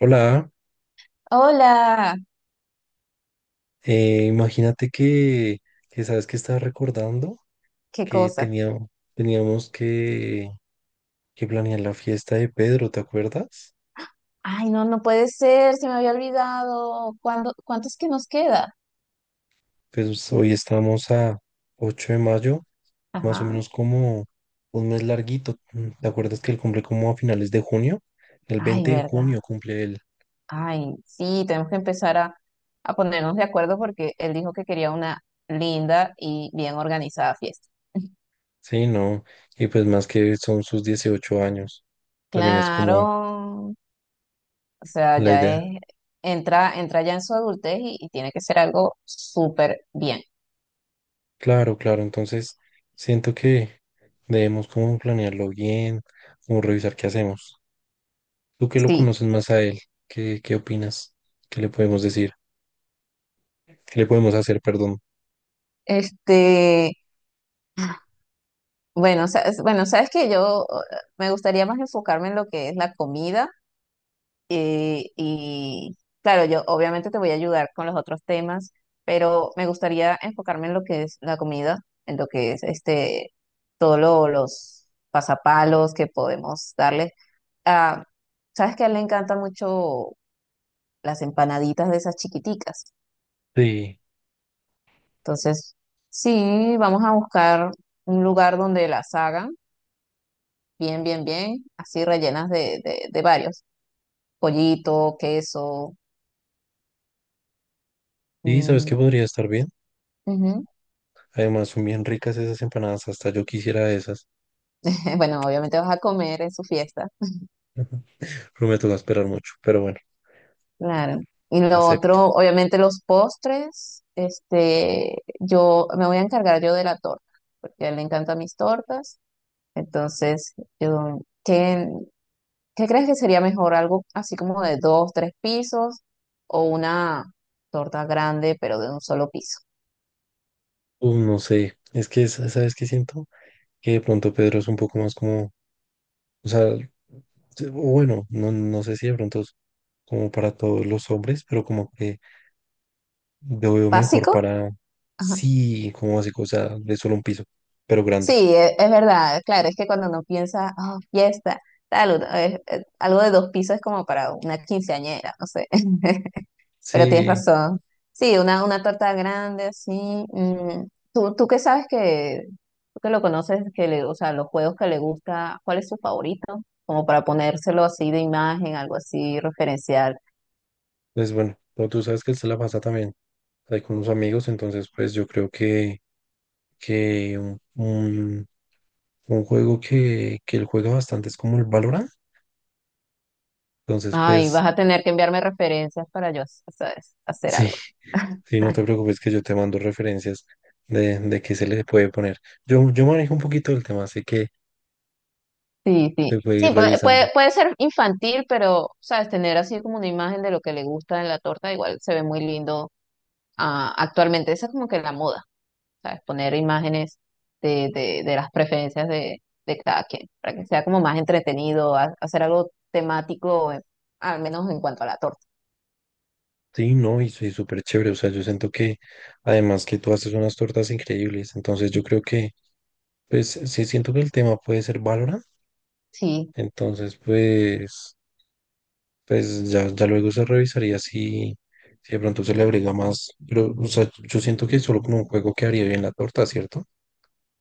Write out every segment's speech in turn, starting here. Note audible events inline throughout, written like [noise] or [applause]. Hola, Hola, eh, imagínate que sabes que estaba recordando qué que cosa. teníamos que planear la fiesta de Pedro, ¿te acuerdas? Ay, no, no puede ser, se me había olvidado. ¿Cuándo, cuánto es que nos queda? Pues hoy estamos a 8 de mayo, más o Ajá. menos como un mes larguito. ¿Te acuerdas que él cumple como a finales de junio? El Ay, 20 de verdad. junio cumple él. Ay, sí, tenemos que empezar a ponernos de acuerdo porque él dijo que quería una linda y bien organizada fiesta. [laughs] Sí, no, y pues más que son sus 18 años. También es Claro, como o sea, la ya idea. es, entra ya en su adultez y tiene que ser algo súper bien. Claro, claro, entonces siento que debemos como planearlo bien, como revisar qué hacemos. Tú que lo Sí, conoces más a él, ¿qué opinas? ¿Qué le podemos decir? ¿Qué le podemos hacer, perdón? este, bueno, bueno, sabes que yo me gustaría más enfocarme en lo que es la comida, y claro, yo obviamente te voy a ayudar con los otros temas, pero me gustaría enfocarme en lo que es la comida, en lo que es todos los pasapalos que podemos darle. Ah, sabes que a él le encantan mucho las empanaditas de esas chiquiticas, Sí, entonces sí, vamos a buscar un lugar donde las hagan bien, bien, bien, así rellenas de varios, pollito, queso. sí, ¿sabes Mm, qué podría estar bien? ujú. Además, son bien ricas esas empanadas, hasta yo quisiera esas, [laughs] Bueno, obviamente vas a comer en su fiesta, pero me toca esperar mucho, pero bueno, claro. Y lo acepto. otro, obviamente los postres, yo me voy a encargar yo de la torta, porque a él le encantan mis tortas. Entonces, yo, ¿qué, qué crees que sería mejor? ¿Algo así como de dos, tres pisos o una torta grande, pero de un solo piso? No sé, es que, ¿sabes qué siento? Que de pronto Pedro es un poco más como, o sea, o bueno, no, no sé si de pronto es como para todos los hombres, pero como que lo veo mejor ¿Básico? para, sí, como así, cosa de solo un piso, pero Sí, grande. Es, verdad, claro, es que cuando uno piensa, oh, fiesta, tal, es algo de dos pisos es como para una quinceañera, no sé, [laughs] pero tienes Sí, razón. Sí, una torta grande, así. Mm, ¿Tú, tú qué sabes que, tú que lo conoces, que o sea, los juegos que le gusta, cuál es su favorito? Como para ponérselo así de imagen, algo así referencial. pues bueno, pero tú sabes que él se la pasa también ahí con unos amigos, entonces pues yo creo que, que un, un- un juego que él juega bastante es como el Valorant. Entonces Ay, pues vas a tener que enviarme referencias para yo, ¿sabes? Hacer sí, algo. [laughs] sí, no [laughs] te preocupes que yo te mando referencias de qué se le puede poner. Yo manejo un poquito el tema, así que Sí, sí. te puede Sí, ir revisando. Puede ser infantil, pero, sabes, tener así como una imagen de lo que le gusta en la torta, igual se ve muy lindo ah, actualmente. Esa es como que la moda, ¿sabes? Poner imágenes de las preferencias de cada quien, para que sea como más entretenido, hacer algo temático, al menos en cuanto a la torta. Sí, no, y soy súper chévere. O sea, yo siento que además que tú haces unas tortas increíbles. Entonces yo creo que, pues, sí siento que el tema puede ser Valorant. Sí, Entonces, pues ya luego se revisaría si de pronto se le agrega más. Pero, o sea, yo siento que solo con un juego quedaría bien la torta, ¿cierto?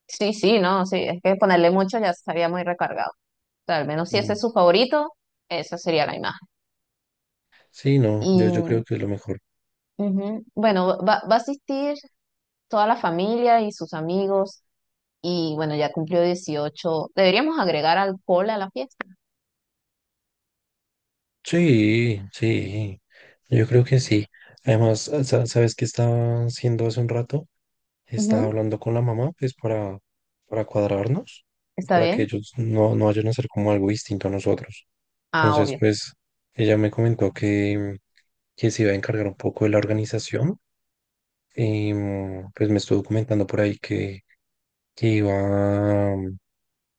sí, sí, no, sí, es que ponerle mucho ya estaría muy recargado. O sea, al menos si ese Mm. es su favorito, esa sería la imagen. Sí, no, yo Y, creo que es lo mejor. ujú, bueno, va a asistir toda la familia y sus amigos. Y bueno, ya cumplió 18, deberíamos agregar alcohol a la fiesta. Sí, sí, yo creo que sí. Además, ¿sabes qué estaba haciendo hace un rato? Estaba Ujú. hablando con la mamá, pues para cuadrarnos, pues, ¿Está para que bien? ellos no vayan a hacer como algo distinto a nosotros. Ah, Entonces, obvio. pues ella me comentó que se iba a encargar un poco de la organización. Y pues me estuvo comentando por ahí que iba a,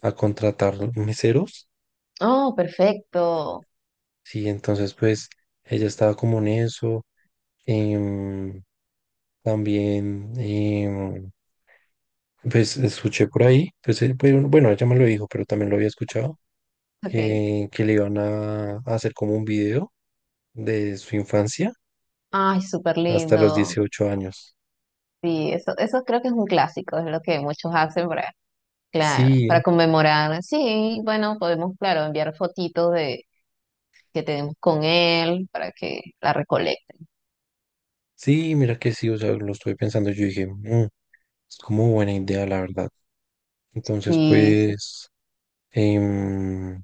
a contratar meseros. Oh, perfecto. Sí, entonces pues ella estaba como en eso. em, También, pues escuché por ahí, pues, bueno, bueno, ella me lo dijo, pero también lo había escuchado, Ok. que le iban a hacer como un video de su infancia Ay, súper hasta los lindo. 18 años. Sí, eso creo que es un clásico, es lo que muchos hacen para, claro, Sí, para conmemorar. Sí, bueno, podemos, claro, enviar fotitos de que tenemos con él para que la recolecten. sí, mira que sí, o sea, lo estuve pensando, yo dije, "Es como buena idea, la verdad." Entonces, Sí, sí, pues, em,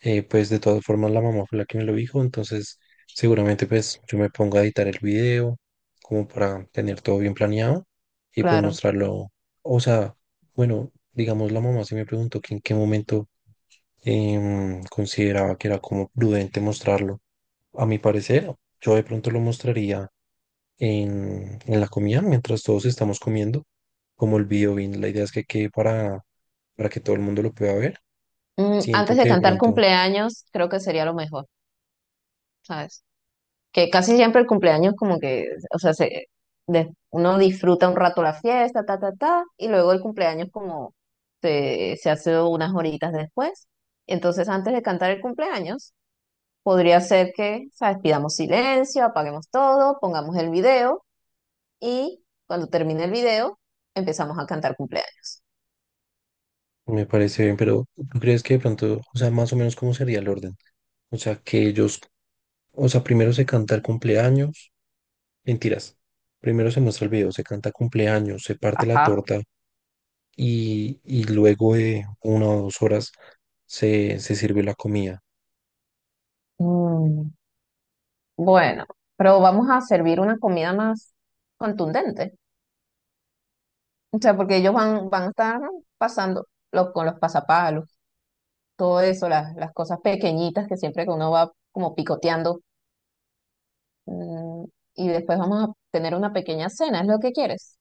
Pues de todas formas la mamá fue la que me lo dijo, entonces seguramente pues yo me pongo a editar el video como para tener todo bien planeado y pues claro. mostrarlo. O sea, bueno, digamos la mamá sí me preguntó que en qué momento consideraba que era como prudente mostrarlo. A mi parecer, yo de pronto lo mostraría en la comida mientras todos estamos comiendo, como el video bien, la idea es que quede para que todo el mundo lo pueda ver. Mm, Siento antes de que de cantar pronto. cumpleaños, creo que sería lo mejor, ¿sabes? Que casi siempre el cumpleaños como que, o sea, uno disfruta un rato la fiesta, ta, ta, ta, y luego el cumpleaños como se hace unas horitas después. Entonces, antes de cantar el cumpleaños, podría ser que, ¿sabes? Pidamos silencio, apaguemos todo, pongamos el video y cuando termine el video, empezamos a cantar cumpleaños. Me parece bien, pero ¿tú crees que de pronto, o sea, más o menos cómo sería el orden? O sea, que ellos, o sea, primero se canta el cumpleaños, mentiras, primero se muestra el video, se canta cumpleaños, se parte la Ajá. torta y luego de 1 o 2 horas se sirve la comida. Mm, bueno, pero vamos a servir una comida más contundente. O sea, porque ellos van a estar pasando con los pasapalos, todo eso, las cosas pequeñitas que siempre que uno va como picoteando. Mm, y después vamos a tener una pequeña cena, ¿es lo que quieres?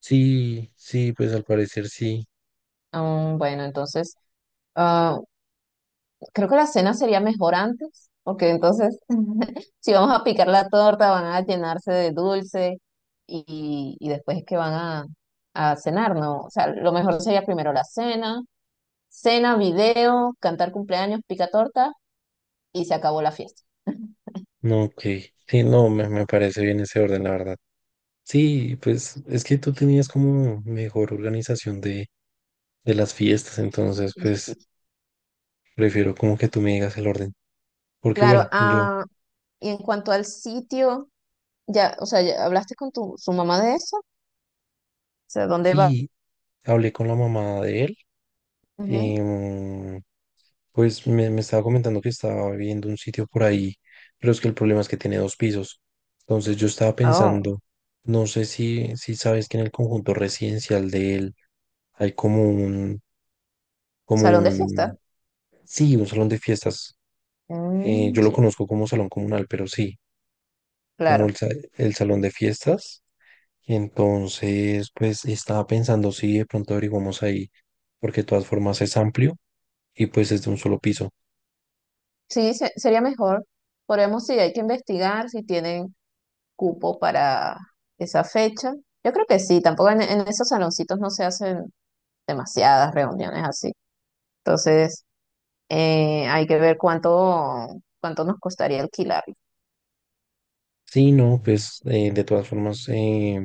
Sí, sí, pues al parecer sí. Mm, bueno, entonces, ah, creo que la cena sería mejor antes, porque entonces, [laughs] si vamos a picar la torta, van a llenarse de dulce y después es que van a cenar, ¿no? O sea, lo mejor sería primero la cena, cena, video, cantar cumpleaños, pica torta y se acabó la fiesta. No, ok. Sí, no, me parece bien ese orden, la verdad. Sí, pues es que tú tenías como mejor organización de las fiestas, entonces, pues. Prefiero como que tú me digas el orden. Porque Claro, bueno, yo ah, y en cuanto al sitio, ya, o sea, ya hablaste con tu su mamá de eso, o sea, ¿dónde va? sí hablé con la mamá de él. Ujú. em, pues me estaba comentando que estaba viendo un sitio por ahí, pero es que el problema es que tiene 2 pisos. Entonces yo estaba Oh, pensando, no sé si sabes que en el conjunto residencial de él hay como un, como salón de un, fiesta. sí, un salón de fiestas. Eh, Mm, yo lo sí, conozco como salón comunal, pero sí, como claro. el, sa- el salón de fiestas. Entonces, pues estaba pensando si de pronto averiguamos ahí, porque de todas formas es amplio y pues es de un solo piso. Sí, sería mejor. Podemos, sí, hay que investigar si tienen cupo para esa fecha. Yo creo que sí, tampoco en, en esos saloncitos no se hacen demasiadas reuniones así. Entonces, hay que ver cuánto, cuánto nos costaría alquilarlo. Sí, no, pues de todas formas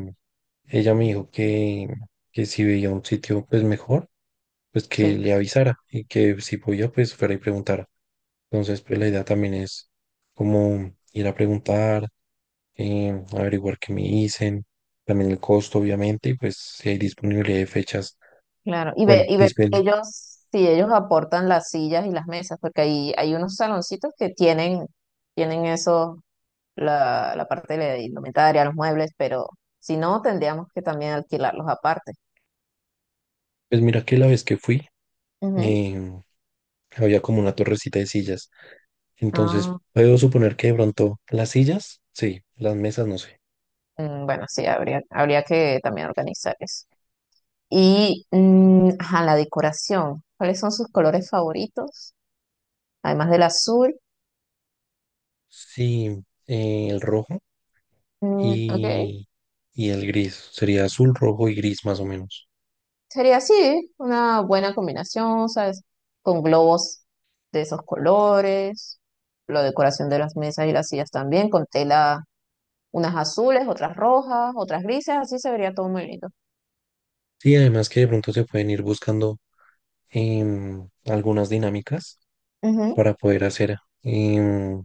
ella me dijo que si veía un sitio pues mejor, pues que Sí. le avisara y que si podía pues fuera y preguntara. Entonces, pues la idea también es como ir a preguntar, averiguar qué me dicen, también el costo obviamente y pues si hay disponibilidad de fechas. Claro, Bueno, y ver Lisbeth, que ellos, si ellos aportan las sillas y las mesas, porque ahí hay unos saloncitos que tienen, tienen eso, la parte de la indumentaria, los muebles, pero si no, tendríamos que también alquilarlos aparte. pues mira que la vez que fui, Ujú. y había como una torrecita de sillas. Entonces, Ah, puedo suponer que de pronto las sillas, sí, las mesas, no sé. mm, bueno, sí, habría, habría que también organizar eso. Y mm, ajá, la decoración, ¿cuáles son sus colores favoritos? Además del azul, Sí, el rojo mm, ok. y, y el gris. Sería azul, rojo y gris más o menos. Sería así, una buena combinación, ¿sabes? Con globos de esos colores, la decoración de las mesas y las sillas también, con tela, unas azules, otras rojas, otras grises, así se vería todo muy lindo. Sí, además que de pronto se pueden ir buscando algunas dinámicas Ujú. para poder hacer em,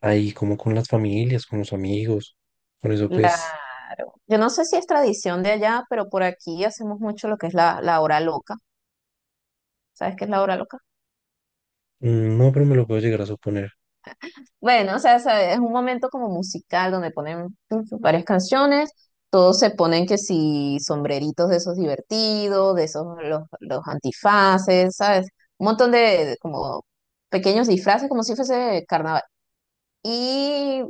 ahí como con las familias, con los amigos. Por eso pues, Claro. Yo no sé si es tradición de allá, pero por aquí hacemos mucho lo que es la hora loca. ¿Sabes qué es la hora loca? No, pero me lo puedo llegar a suponer. Bueno, o sea, sabe, es un momento como musical donde ponen pues, varias canciones, todos se ponen que si sombreritos de esos divertidos, de esos los antifaces, ¿sabes? Un montón de como pequeños disfraces, como si fuese carnaval. Y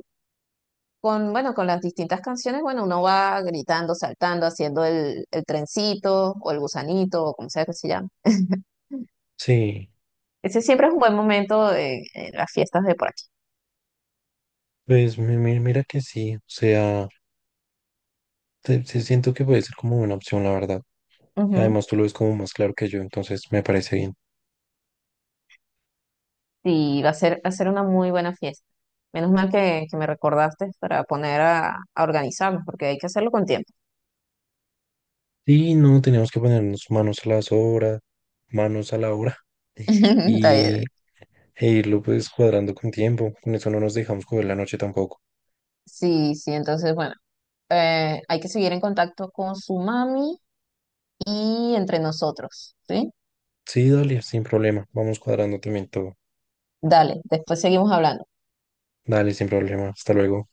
con, bueno, con las distintas canciones, bueno, uno va gritando, saltando, haciendo el trencito o el gusanito o como sea que se llame. [laughs] Sí, Ese siempre es un buen momento en las fiestas de por aquí. pues mira que sí. O sea. Te siento que puede ser como una opción, la verdad. Y además tú lo ves como más claro que yo, entonces me parece bien. Y va a ser una muy buena fiesta. Menos mal que me recordaste para poner a organizarnos, porque hay que hacerlo con tiempo. Sí, no, tenemos que ponernos manos a las obras, manos a la obra [laughs] [laughs] Está bien. y, e irlo pues cuadrando con tiempo. Con eso no nos dejamos coger la noche tampoco. Sí, sí, entonces, bueno, hay que seguir en contacto con su mami y entre nosotros, ¿sí? Sí, dale, sin problema. Vamos cuadrando también todo. Dale, después seguimos hablando. Dale, sin problema. Hasta luego.